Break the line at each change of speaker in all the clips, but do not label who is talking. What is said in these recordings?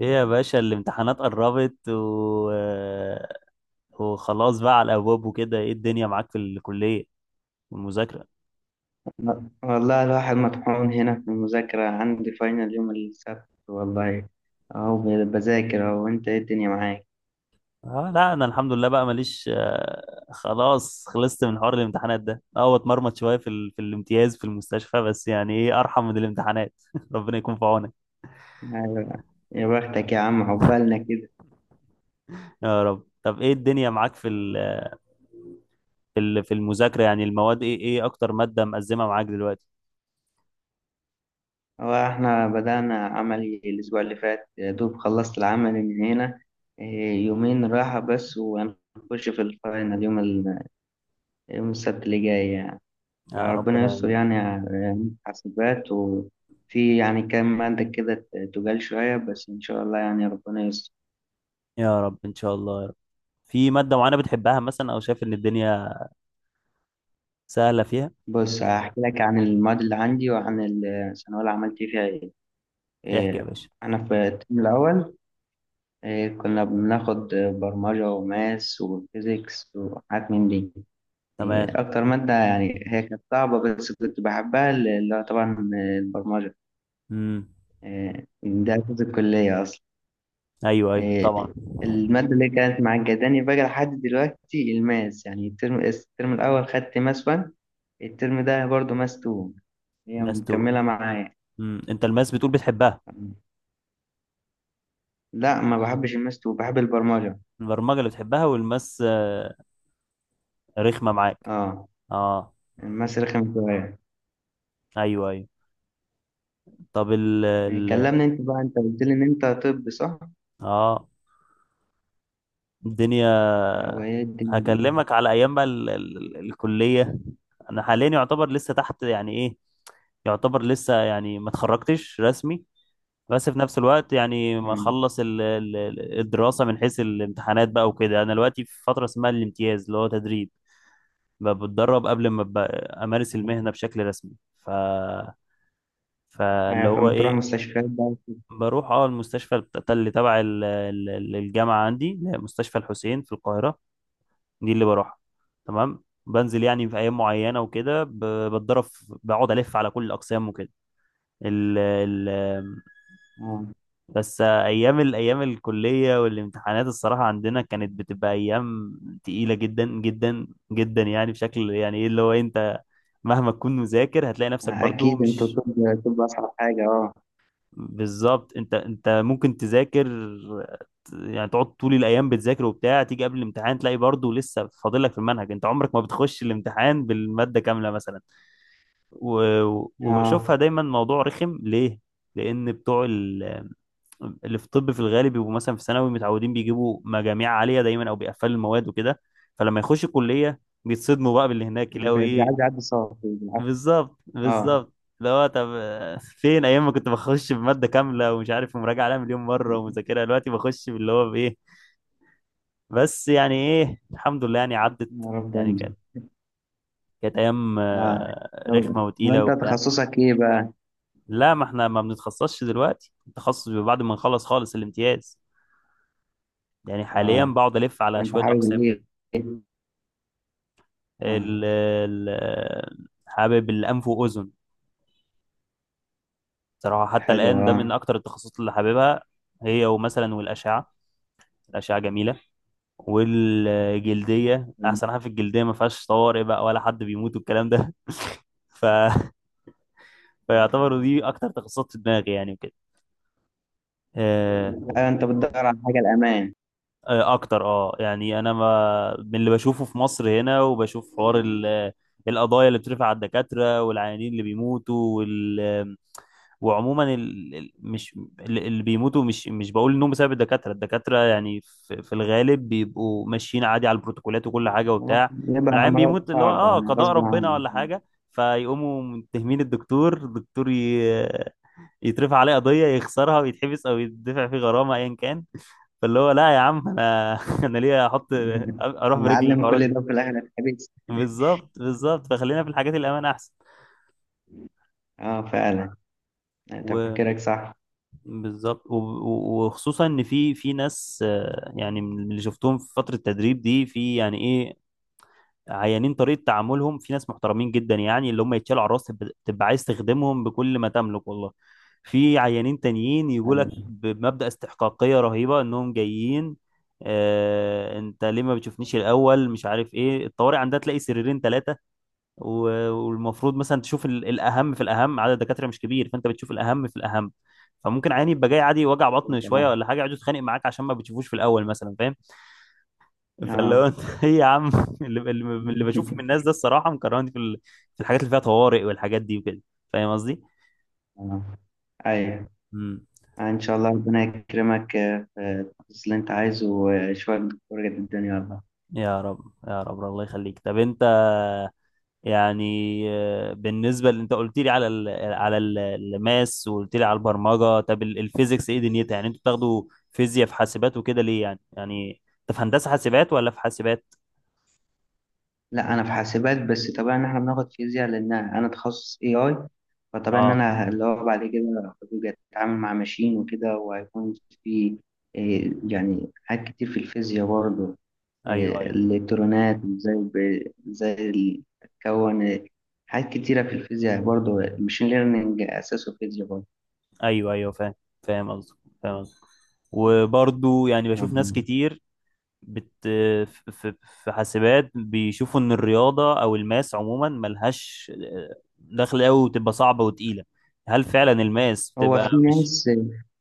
ايه يا باشا، الامتحانات قربت وخلاص بقى على الابواب وكده. ايه الدنيا معاك في الكليه والمذاكره؟
والله الواحد مطحون هنا في المذاكرة، عندي فاينل يوم السبت والله. أهو بذاكر أهو. أنت إيه الدنيا معاك؟
اه، لا انا الحمد لله بقى ماليش، خلاص خلصت من حوار الامتحانات ده، اتمرمط شويه في الامتياز في المستشفى، بس يعني ايه، ارحم من الامتحانات. ربنا يكون في عونك.
أيوة. يا بختك يا عم، عقبالنا كده.
يا رب. طب ايه الدنيا معاك في المذاكره؟ يعني المواد، ايه ايه اكتر ماده مأزمه معاك دلوقتي؟
هو إحنا بدأنا عملي الأسبوع اللي فات، يا دوب خلصت العمل من هنا. إيه، يومين راحة بس وهنخش في الفاينل يوم السبت اللي جاي يعني.
يا
فربنا
ربنا
يستر
يعينك.
يعني على حاسبات، وفي يعني كام مادة كده تجال شوية، بس إن شاء الله يعني ربنا يستر.
يا رب ان شاء الله يا رب. في ماده معينه بتحبها مثلا، او شايف ان الدنيا سهلة فيها؟
بص هحكي لك عن المواد اللي عندي وعن الثانوية اللي عملت فيها ايه.
احكي يا
إيه،
باشا.
أنا في الترم الأول. إيه، كنا بناخد برمجة وماس وفيزيكس وحاجات من دي. إيه،
تمام.
أكتر مادة يعني هي كانت صعبة بس كنت بحبها اللي هو طبعا البرمجة.
امم
إيه، ده أساس الكلية أصلا.
ايوه، ايوه، طبعا.
إيه، المادة اللي كانت معجباني بقى لحد دلوقتي الماس. يعني الترم الأول خدت ماس 1، الترم ده برضه ماس 2، هي
ماس 2.
مكملة معايا.
انت الماس بتقول بتحبها؟
لا ما بحبش الماس وبحب البرمجة.
البرمجة اللي بتحبها، والماس رخمة معاك.
اه
اه.
الماس رخم شوية.
ايوه، ايوه. طب ال
يعني
ال
كلمني انت بقى، انت قلت لي ان انت طب، صح؟
اه الدنيا،
وايه الدنيا؟
هكلمك على ايام بقى ال ال ال الكلية. انا حاليا يعتبر لسه تحت، يعني ايه، يعتبر لسه يعني ما اتخرجتش رسمي. بس في نفس الوقت يعني ما
مم.
اخلص الدراسه من حيث الامتحانات بقى وكده، انا دلوقتي في فتره اسمها الامتياز، اللي هو تدريب. بتدرب قبل ما امارس المهنه بشكل رسمي. ف فاللي
ايوه،
هو
فلما بتروح
ايه.
مستشفيات بقى وكده.
بروح اه المستشفى اللي تبع الجامعه عندي، اللي هي مستشفى الحسين في القاهره، دي اللي بروحها. تمام. بنزل يعني في ايام معينه وكده، بتدرب بقعد الف على كل الاقسام وكده. ال- ال-
اه
بس ايام، الايام الكليه والامتحانات الصراحه عندنا كانت بتبقى ايام تقيله جدا جدا جدا، يعني بشكل يعني ايه، اللي هو انت مهما تكون مذاكر هتلاقي نفسك برضو
اكيد انت
مش...
طب. طب اصعب حاجة. اه.
بالظبط. انت ممكن تذاكر، يعني تقعد طول الايام بتذاكر وبتاع، تيجي قبل الامتحان تلاقي برضو لسه فاضل لك في المنهج. انت عمرك ما بتخش الامتحان بالماده كامله مثلا. و...
اه
وبشوفها دايما موضوع رخم. ليه؟ لان بتوع اللي في الطب في الغالب بيبقوا مثلا في ثانوي متعودين بيجيبوا مجاميع عاليه دايما، او بيقفلوا المواد وكده. فلما يخش الكليه بيتصدموا بقى باللي هناك، يلاقوا
بيبقى
ايه.
عايز يعدي صعب بالعافية.
بالظبط،
اه
بالظبط. اللي هو طب فين ايام ما كنت بخش بماده كامله ومش عارف ومراجعه عليها مليون مره ومذاكرها، دلوقتي بخش باللي هو بايه. بس يعني ايه الحمد لله يعني عدت.
يا رب
يعني
انجح.
كانت ايام
اه طب
رخمه وتقيله
وانت
وبتاع.
تخصصك ايه بقى؟
لا، ما احنا ما بنتخصصش دلوقتي. التخصص بيبقى بعد ما نخلص خالص الامتياز. يعني حاليا
اه
بقعد الف على
وانت
شويه اقسام
حابب ايه؟
كده.
اه.
ال- حابب الأنف وأذن صراحة، حتى
حلو
الآن ده
اه.
من أكتر التخصصات اللي حاببها، هي ومثلا والأشعة. الأشعة جميلة. والجلدية، أحسن حاجة في الجلدية ما فيهاش طوارئ بقى ولا حد بيموت والكلام ده. ف... فيعتبروا دي أكتر تخصصات في دماغي يعني وكده. آه،
ايوه، انت بتدور على حاجة الامان.
أكتر، يعني أنا ما... من اللي بشوفه في مصر هنا، وبشوف حوار القضايا اللي بترفع على الدكاترة والعيانين اللي بيموتوا وعموما مش اللي بيموتوا مش بقول انهم بسبب الدكاتره. الدكاتره يعني في الغالب بيبقوا ماشيين عادي على البروتوكولات وكل حاجه وبتاع.
بيبقى
العيان
مرض
بيموت، اللي هو
صعب يعني
قضاء
غصب
ربنا
عني.
ولا حاجه. فيقوموا متهمين الدكتور. يترفع عليه قضيه، يخسرها ويتحبس او يدفع فيه غرامه، ايا كان. فاللي هو لا يا عم، انا انا ليه احط، اروح برجلي
هنتعلم
الحوارات
كل
دي.
ده في الآخر الحديث.
بالظبط، بالظبط. فخلينا في الحاجات الامان احسن.
اه فعلا، يعني
و...
تفكيرك صح.
بالظبط. وخصوصا ان في ناس يعني من اللي شفتهم في فتره التدريب دي، في يعني ايه، عيانين طريقه تعاملهم، في ناس محترمين جدا يعني اللي هم يتشالوا على الراس، تبقى عايز تخدمهم بكل ما تملك والله. في عيانين تانيين يقول لك
أيوة.
بمبدأ استحقاقيه رهيبه انهم جايين. آه انت ليه ما بتشوفنيش الاول، مش عارف ايه. الطوارئ عندها تلاقي سريرين، ثلاثه. والمفروض مثلا تشوف الاهم في الاهم. عدد الدكاتره مش كبير، فانت بتشوف الاهم في الاهم. فممكن عيني يبقى جاي عادي، وجع بطن شويه
طبعا.
ولا حاجه، يقعد يتخانق معاك عشان ما بتشوفوش في الاول مثلا، فاهم. فاللي هو
اه.
انت ايه يا عم. اللي, اللي اللي بشوفه من الناس ده الصراحه مكرهني في الحاجات اللي فيها طوارئ والحاجات دي وكده. فاهم قصدي؟
آه. ايوه.
امم
آه، ان شاء الله ربنا يكرمك آه، في التخصص اللي انت عايزه، وشوية دكتور قد الدنيا والله.
يا رب، يا رب، الله يخليك. طب انت يعني بالنسبه اللي انت قلت لي على الماس، وقلت لي على البرمجه، طب الفيزيكس ايه دنيتها؟ يعني انتوا بتاخدوا فيزياء في حاسبات وكده ليه يعني؟ يعني انت في هندسه حاسبات ولا في حاسبات؟
لا انا في حاسبات، بس طبعا احنا بناخد فيزياء لان انا تخصص اي اي. فطبعا ان
اه،
انا اللي هو بعد كده هبقى اتعامل مع ماشين وكده، وهيكون في آه، يعني حاجات كتير في الفيزياء برضه.
ايوه،
إيه،
ايوه،
الإلكترونات وإزاي إزاي تكون حاجات كتيرة في الفيزياء برضه، المشين ليرنينج أساسه فيزياء برضه.
ايوه، ايوه، فاهم. فاهم قصدك، فاهم قصدك. وبرضو يعني بشوف ناس
مم.
كتير بت في في في حاسبات بيشوفوا ان الرياضه او الماس عموما ملهاش دخل قوي وتبقى صعبه وتقيله. هل فعلا الماس
هو
بتبقى
في
مش...
ناس.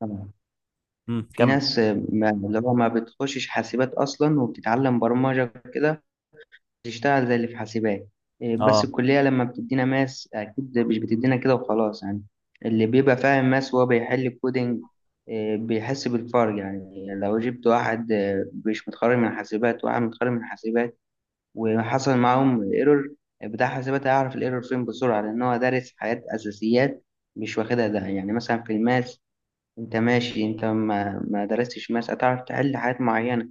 طبعا.
مم،
في
كمل.
ناس ما اللي هو ما بتخشش حاسبات أصلا وبتتعلم برمجة كده، تشتغل زي اللي في حاسبات. إيه، بس
اه،
الكلية لما بتدينا ماس أكيد مش بتدينا كده وخلاص يعني. اللي بيبقى فاهم ماس وهو بيحل الكودينج إيه، بيحس بالفرق. يعني لو جبت واحد إيه، مش متخرج من حاسبات وواحد متخرج من حاسبات وحصل معاهم ايرور، بتاع حاسبات هيعرف الايرور فين بسرعة لأن هو دارس حاجات أساسيات مش واخدها. ده يعني مثلا في الماس، أنت ماشي. أنت ما درستش ماس، هتعرف تحل حاجات معينة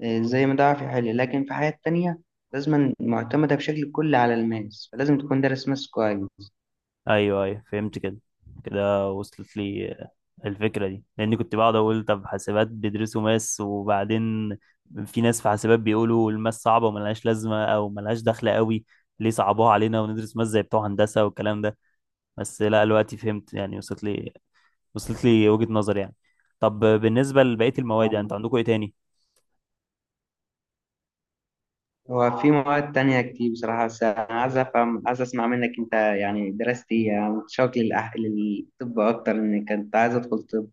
آه، زي ما ده في حالي. لكن في حياة تانية لازم معتمدة بشكل كلي على الماس، فلازم تكون دارس ماس كويس.
ايوه، ايوه فهمت كده. كده وصلت لي الفكره دي، لاني كنت بقعد اقول طب حاسبات بيدرسوا ماس، وبعدين في ناس في حاسبات بيقولوا الماس صعبه وملهاش لازمه او ملهاش دخل قوي، ليه صعبوها علينا وندرس ماس زي بتوع هندسه والكلام ده. بس لا دلوقتي فهمت يعني، وصلت لي، وجهه نظر يعني. طب بالنسبه لبقيه المواد، يعني
آه.
انتوا عندكم ايه تاني؟
هو في مواد تانية كتير بصراحة، بس أنا عايز أفهم، عايز أسمع منك أنت يعني درست إيه. أنا متشوق للطب أكتر، إن كنت عايز أدخل طب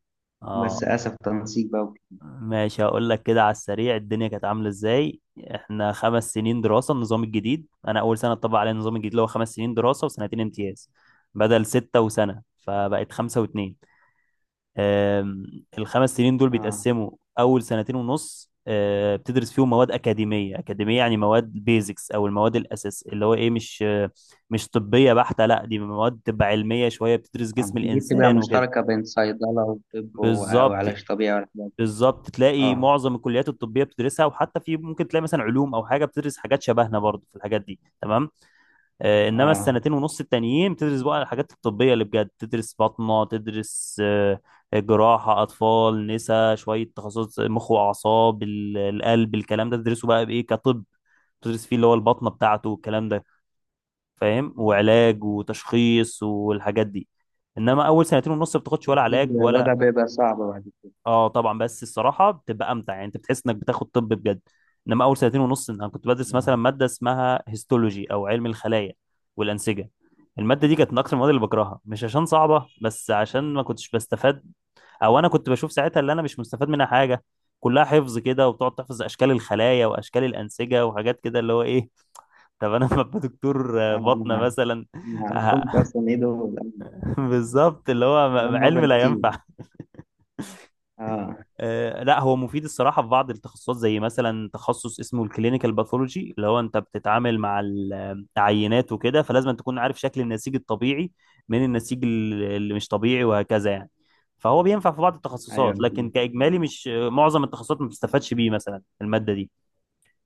بس
اه
للأسف تنسيق بقى وكده.
ماشي، هقول لك كده على السريع الدنيا كانت عامله ازاي. احنا 5 سنين دراسه النظام الجديد، انا اول سنه اتطبق علينا النظام الجديد، اللي هو 5 سنين دراسه وسنتين امتياز، بدل سته وسنه. فبقت 5 و2. أم، الخمس سنين دول
آه.
بيتقسموا. اول سنتين ونص بتدرس فيهم مواد اكاديميه. يعني مواد بيزكس او المواد الاساس، اللي هو ايه، مش طبيه بحته. لا دي مواد تبقى علميه شويه، بتدرس
آه،
جسم
دي بتبقى
الانسان وكده.
مشتركة بين صيدلة وطب
بالظبط،
وعلاج طبيعي والحاجات دي.
بالظبط. تلاقي
آه.
معظم الكليات الطبيه بتدرسها، وحتى في ممكن تلاقي مثلا علوم او حاجه بتدرس حاجات شبهنا برضه في الحاجات دي، تمام. انما
آه
السنتين ونص التانيين بتدرس بقى الحاجات الطبيه اللي بجد، تدرس باطنه، تدرس جراحه، اطفال، نسا، شويه تخصصات، مخ واعصاب، القلب، الكلام ده تدرسه بقى بايه كطب. تدرس فيه اللي هو البطنه بتاعته والكلام ده، فاهم، وعلاج وتشخيص والحاجات دي. انما اول سنتين ونص ما بتاخدش ولا
أكيد
علاج
الوضع
ولا...
بيبقى صعب بعد
اه طبعا، بس الصراحه بتبقى امتع، يعني انت بتحس انك بتاخد طب بجد. انما اول سنتين ونص انا كنت بدرس
كده.
مثلا ماده اسمها هيستولوجي، او علم الخلايا والانسجه. الماده دي كانت
آه.
من اكتر المواد اللي بكرهها، مش عشان صعبه بس عشان ما كنتش بستفاد، او انا كنت بشوف ساعتها اللي انا مش مستفاد منها حاجه. كلها حفظ كده، وبتقعد تحفظ اشكال الخلايا واشكال الانسجه وحاجات كده، اللي هو ايه طب انا لما ابقى دكتور بطنه
آه.
مثلا.
ما اعرفهمش اصلا ايه دول،
بالظبط، اللي هو
كلام
علم
نظري
لا
كتير.
ينفع.
اه.
لا هو مفيد الصراحة في بعض التخصصات، زي مثلا تخصص اسمه الكلينيكال باثولوجي، اللي هو انت بتتعامل مع العينات وكده، فلازم تكون عارف شكل النسيج الطبيعي من النسيج اللي مش طبيعي، وهكذا يعني. فهو بينفع في بعض
ايوه.
التخصصات، لكن كإجمالي مش معظم التخصصات ما بتستفادش بيه مثلا المادة دي.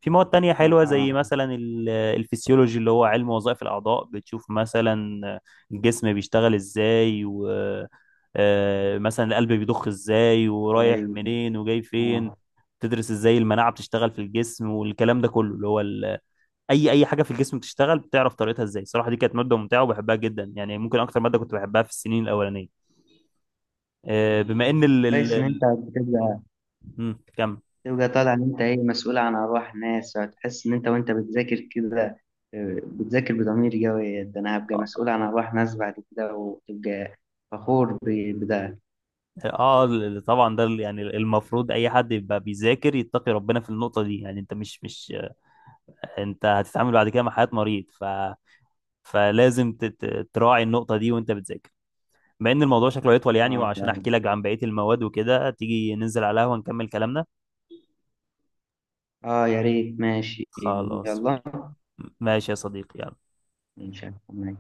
في مواد تانية حلوة،
اه.
زي مثلا الفسيولوجي، اللي هو علم وظائف الأعضاء. بتشوف مثلا الجسم بيشتغل ازاي، و آه، مثلا القلب بيضخ ازاي، ورايح
كويس.
منين وجاي فين.
اه
تدرس ازاي المناعة بتشتغل في الجسم والكلام ده كله، اللي هو أي حاجة في الجسم بتشتغل بتعرف طريقتها ازاي. صراحة دي كانت مادة ممتعة وبحبها جدا يعني، ممكن أكتر مادة كنت بحبها في السنين الأولانية. بما إن
كويس ان انت بتبقى
مم،
تبقى طالع ان انت ايه مسؤول عن ارواح ناس، هتحس ان انت وانت بتذاكر كده آه، بتذاكر بضمير قوي، ده انا هبقى
كمل.
مسؤول عن ارواح ناس بعد كده، وتبقى فخور بده.
اه طبعا، ده يعني المفروض اي حد يبقى بيذاكر يتقي ربنا في النقطه دي. يعني انت مش انت هتتعامل بعد كده مع حياه مريض، فلازم تراعي النقطه دي وانت بتذاكر. بما ان الموضوع شكله يطول يعني،
اه
وعشان
فعلا.
احكي لك عن بقيه المواد وكده، تيجي ننزل على القهوه نكمل كلامنا.
اه يا ريت، ماشي
خلاص.
يلا.
ماشي يا صديقي.
ان شاء الله.